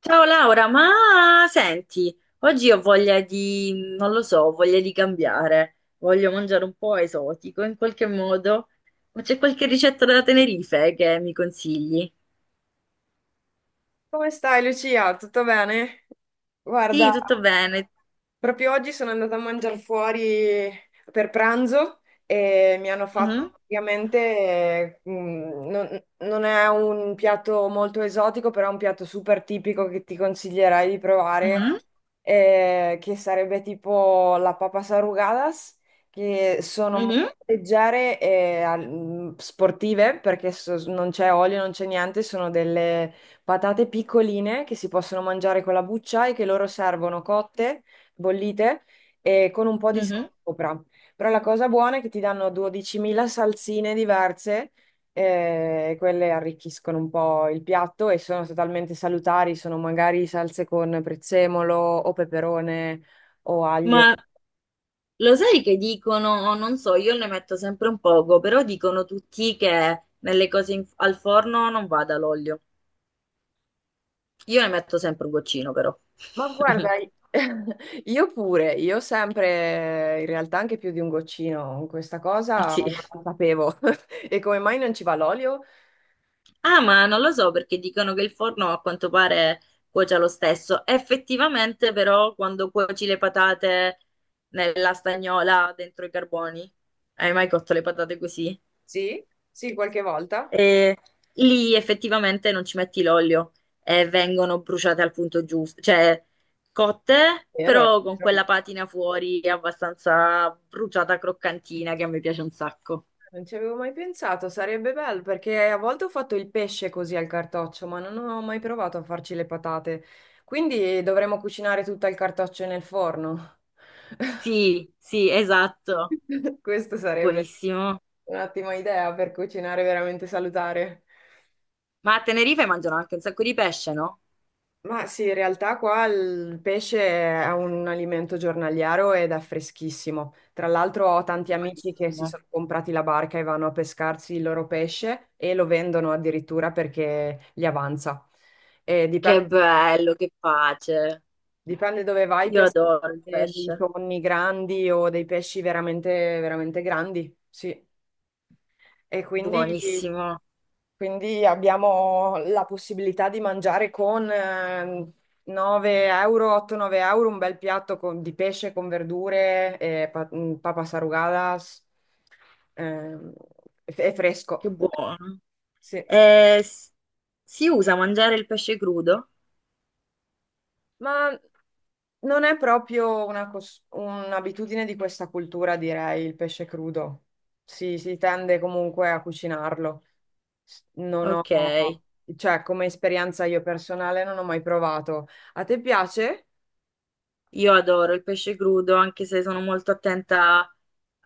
Ciao Laura, ma senti, oggi ho voglia di, non lo so, ho voglia di cambiare, voglio mangiare un po' esotico in qualche modo, ma c'è qualche ricetta da Tenerife che mi consigli? Come stai Lucia? Tutto bene? Guarda, Sì, tutto bene. proprio oggi sono andata a mangiare fuori per pranzo e mi hanno fatto Mhm. praticamente, non è un piatto molto esotico, però è un piatto super tipico che ti consiglierei di provare, Mhm. Che sarebbe tipo la papas arrugadas, che sono Mhm. molto leggere e sportive perché non c'è olio, non c'è niente, sono delle patate piccoline che si possono mangiare con la buccia e che loro servono cotte bollite e con un po' di sale Mhm. sopra. Però la cosa buona è che ti danno 12.000 salsine diverse, e quelle arricchiscono un po' il piatto e sono totalmente salutari, sono magari salse con prezzemolo o peperone o aglio. Ma lo sai che dicono, non so, io ne metto sempre un poco, però dicono tutti che nelle cose al forno non vada l'olio. Io ne metto sempre un goccino però. Ma guarda, io pure, io sempre, in realtà anche più di un goccino, questa cosa Sì. non la sapevo. E come mai non ci va l'olio? Ah, ma non lo so perché dicono che il forno a quanto pare cuocia lo stesso. Effettivamente, però, quando cuoci le patate nella stagnola dentro i carboni, hai mai cotto le patate così? Sì, sì, qualche volta. E lì effettivamente non ci metti l'olio e vengono bruciate al punto giusto, cioè cotte, Vero. però con quella patina fuori abbastanza bruciata croccantina che a me piace un sacco. Non ci avevo mai pensato, sarebbe bello perché a volte ho fatto il pesce così al cartoccio, ma non ho mai provato a farci le patate. Quindi dovremmo cucinare tutto il cartoccio nel forno. Sì, sì, esatto. Questa sarebbe Buonissimo. un'ottima idea per cucinare veramente salutare. Ma a Tenerife mangiano anche un sacco di pesce, no? Ma sì, in realtà qua il pesce è un alimento giornaliero ed è freschissimo. Tra l'altro ho tanti amici che si Buonissimo. sono comprati la barca e vanno a pescarsi il loro pesce e lo vendono addirittura perché gli avanza. E Che dipende, bello, che pace. dipende dove vai, Io pescare adoro il dei pesce. tonni grandi o dei pesci veramente, veramente grandi. Sì. E quindi Buonissimo, Quindi abbiamo la possibilità di mangiare con 9 euro, 8-9 euro un bel piatto di pesce con verdure e papas arrugadas, ehm, e che fresco, buono. sì. Eh, s- si usa mangiare il pesce crudo? Ma non è proprio un'abitudine di questa cultura, direi, il pesce crudo. Si tende comunque a cucinarlo. Non Ok, ho, cioè, come esperienza io personale non ho mai provato. A te piace? io adoro il pesce crudo, anche se sono molto attenta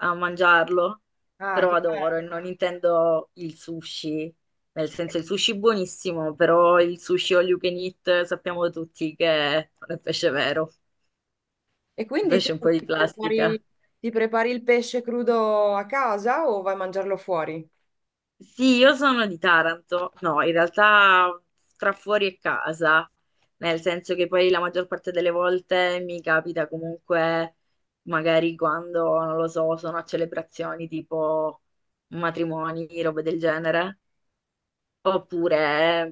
a mangiarlo, Ah, però che adoro e bello. non intendo il sushi. Nel senso, il sushi è buonissimo, però il sushi all you can eat sappiamo tutti che non è pesce vero. E quindi tu Fece un po' di ti plastica. prepari, ti prepari il pesce crudo a casa o vai a mangiarlo fuori? Sì, io sono di Taranto. No, in realtà tra fuori e casa, nel senso che poi la maggior parte delle volte mi capita comunque, magari quando, non lo so, sono a celebrazioni tipo matrimoni, robe del genere. Oppure,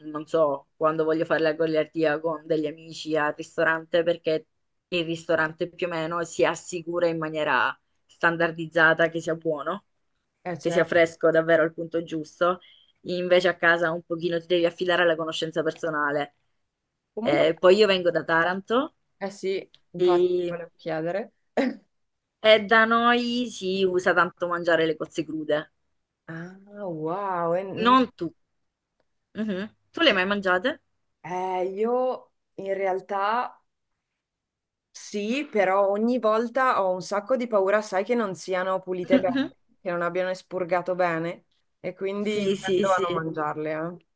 non so, quando voglio fare la goliardia con degli amici al ristorante, perché il ristorante più o meno si assicura in maniera standardizzata che sia buono, che sia Cioè, fresco davvero al punto giusto. Invece a casa un pochino ti devi affidare alla conoscenza personale. comunque, Poi io vengo da Taranto eh sì, infatti, e, volevo chiedere. e da noi si usa tanto mangiare le cozze crude. Ah, wow. Non tu. Mhm. Tu le hai mai mangiate? Io in realtà sì, però ogni volta ho un sacco di paura, sai, che non siano pulite bene, che non abbiano espurgato bene, e quindi Sì, sì, tendo a non sì. mangiarle, eh.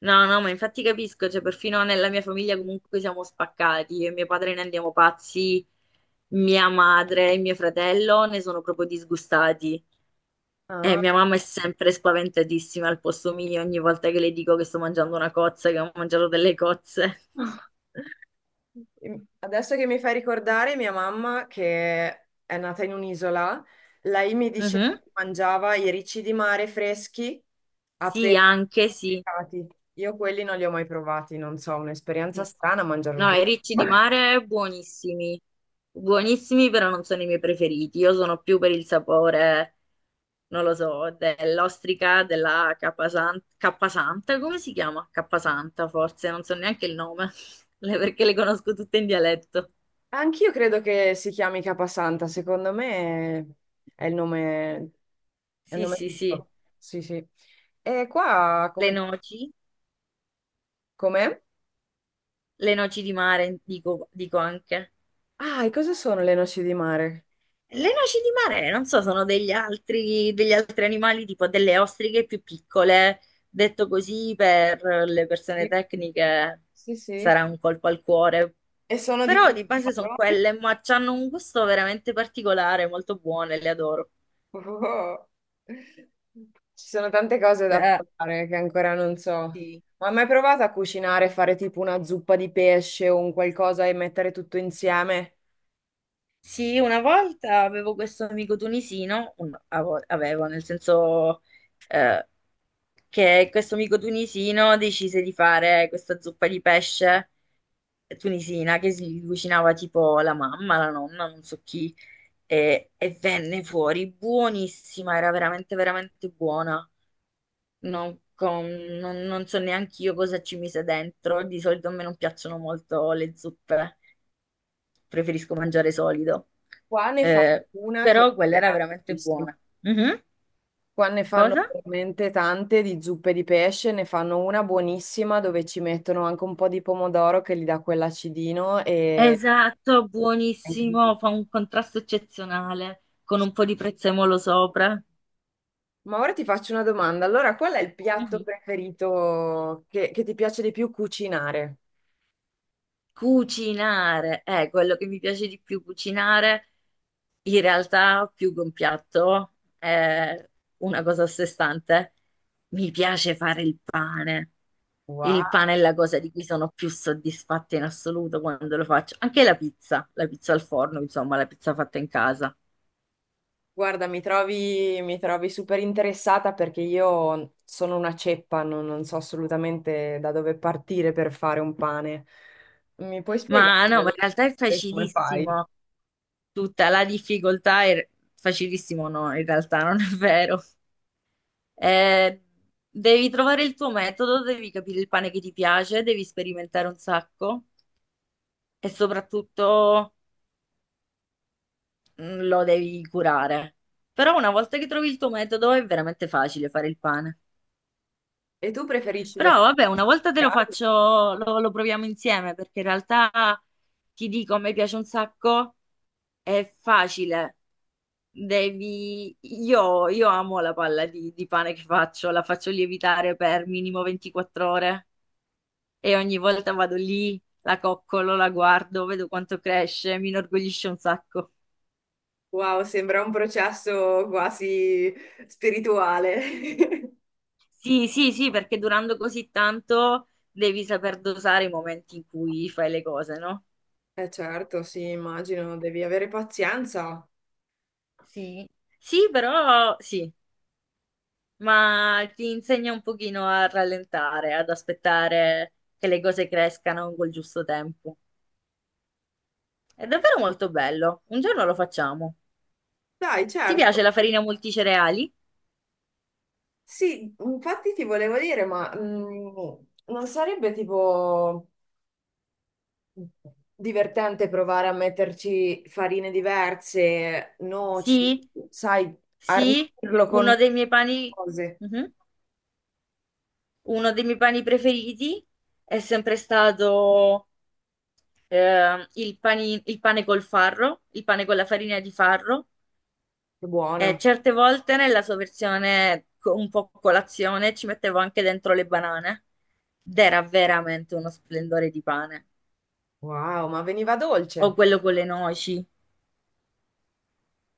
No, no, ma infatti capisco, cioè perfino nella mia famiglia comunque siamo spaccati, io e mio padre ne andiamo pazzi, mia madre e mio fratello ne sono proprio disgustati e Ah. mia mamma è sempre spaventatissima al posto mio ogni volta che le dico che sto mangiando una cozza, che ho mangiato delle cozze. Adesso che mi fai ricordare, mia mamma, che è nata in un'isola, lei mi diceva Mhm. che mangiava i ricci di mare freschi Sì, appena anche sì. pescati. Io quelli non li ho mai provati, non so, un'esperienza strana mangiare un No, i riccio. ricci di Ma- mare buonissimi, buonissimi però non sono i miei preferiti, io sono più per il sapore. Non lo so, dell'ostrica della Cappasanta, come si chiama? Cappasanta, forse, non so neanche il nome, perché le conosco tutte in dialetto. Anch'io credo che si chiami Capasanta, secondo me è il nome, è il Sì, nome sì, sì, giusto. Sì, sì. E qua le come, noci, com'è? le noci di mare, dico anche. Ah, e cosa sono le noci di mare? Le noci di mare, non so, sono degli altri animali, tipo delle ostriche più piccole, detto così per le persone tecniche Sì, sì, sì. sarà un colpo al cuore. E sono di Però quelle di base sono parole. quelle, ma hanno un gusto veramente particolare, molto buone, le adoro. Oh. Ci sono tante cose da Eh provare che ancora non so. sì. Ma hai mai provato a cucinare, fare tipo una zuppa di pesce o un qualcosa e mettere tutto insieme? Sì, una volta avevo questo amico tunisino, avevo, nel senso eh, che questo amico tunisino decise di fare questa zuppa di pesce tunisina che si cucinava tipo la mamma, la nonna, non so chi, e venne fuori buonissima, era veramente, veramente buona. Non, con- non- non so neanche io cosa ci mise dentro. Di solito a me non piacciono molto le zuppe, preferisco mangiare solido. Qua ne fanno Eh, una che Però quella è era veramente buonissima. buona. Mhm. Qua ne fanno Cosa? veramente tante di zuppe di pesce, ne fanno una buonissima dove ci mettono anche un po' di pomodoro che gli dà quell'acidino e... Esatto, buonissimo, fa un contrasto eccezionale con un po' di prezzemolo sopra. Ma ora ti faccio una domanda. Allora, qual è il piatto preferito che ti piace di più cucinare? Cucinare è quello che mi piace di più cucinare. In realtà, più che un piatto, è una cosa a sé stante. Mi piace fare il pane. Wow. Il pane è la cosa di cui sono più soddisfatta in assoluto quando lo faccio. Anche la pizza al forno, insomma, la pizza fatta in casa. Guarda, mi trovi super interessata perché io sono una ceppa, non so assolutamente da dove partire per fare un pane. Mi puoi spiegare Ma no, ma in realtà è velocemente come fai? facilissimo. Tutta la difficoltà è facilissimo, no, in realtà non è vero. Eh, Devi trovare il tuo metodo, devi capire il pane che ti piace, devi sperimentare un sacco e soprattutto lo devi curare. Però una volta che trovi il tuo metodo è veramente facile fare il pane. E tu preferisci le Però fette vabbè, una volta te lo verticali? faccio, lo proviamo insieme perché in realtà ti dico, a me piace un sacco, è facile. Io amo la palla di pane che faccio, la faccio lievitare per minimo 24 ore e ogni volta vado lì, la coccolo, la guardo, vedo quanto cresce, mi inorgoglisce un sacco. Wow, sembra un processo quasi spirituale. Sì, sì, sì, perché durando così tanto devi saper dosare i momenti in cui fai le cose, no? Eh certo, sì, immagino, devi avere pazienza. Sì. Sì, però sì, ma ti insegna un pochino a rallentare, ad aspettare che le cose crescano col giusto tempo. È davvero molto bello. Un giorno lo facciamo. Dai, Ti certo. piace la farina multicereali? Sì, infatti ti volevo dire, ma non sarebbe tipo divertente provare a metterci farine diverse, noci, Sì, sai, sì, arricchirlo uno con dei miei pani. cose. Mhm. Uno dei miei pani preferiti è sempre stato il pane col farro, il pane con la farina di farro. Che E buono. certe volte nella sua versione un po' colazione ci mettevo anche dentro le banane ed era veramente uno splendore di pane. Wow, ma veniva O dolce. quello con le noci.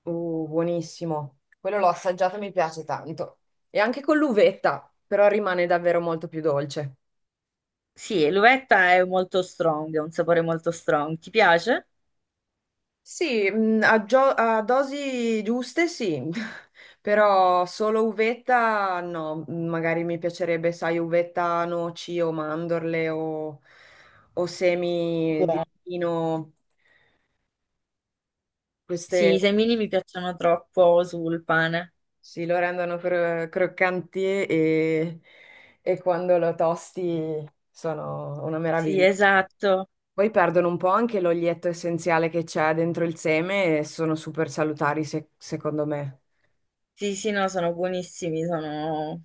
Buonissimo. Quello l'ho assaggiato e mi piace tanto. E anche con l'uvetta, però rimane davvero molto più dolce. Sì, l'uvetta è molto strong, è un sapore molto strong. Ti piace? Sì, a dosi giuste sì, però solo uvetta no, magari mi piacerebbe, sai, uvetta, noci o mandorle o semi di Buono. pino, Sì, queste i semini mi piacciono troppo sul pane. sì, lo rendono croccanti e, e quando lo tosti sono una Sì, meraviglia. esatto. Poi perdono un po' anche l'olietto essenziale che c'è dentro il seme e sono super salutari, secondo me. Sì, sì, no, sono buonissimi.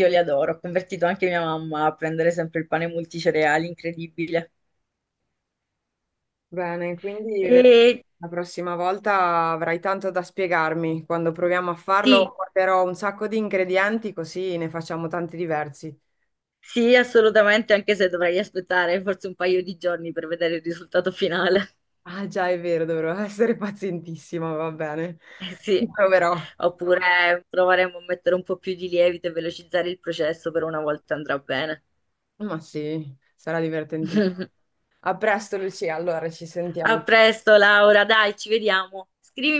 Io li adoro, ho convertito anche mia mamma a prendere sempre il pane multicereali, incredibile. Bene, quindi vedrai, E la prossima volta avrai tanto da spiegarmi. Quando proviamo a sì. farlo, porterò un sacco di ingredienti così ne facciamo tanti diversi. Sì, assolutamente, anche se dovrei aspettare forse un paio di giorni per vedere il risultato finale. Ah, già, è vero, dovrò essere pazientissima, va bene. Eh Ci sì, proverò. oppure proveremo a mettere un po' più di lievito e velocizzare il processo, per una volta andrà bene. Ma sì, sarà divertentissimo. A presto, Lucia. Allora, ci A sentiamo. presto, Laura, dai, ci vediamo. Scrivimi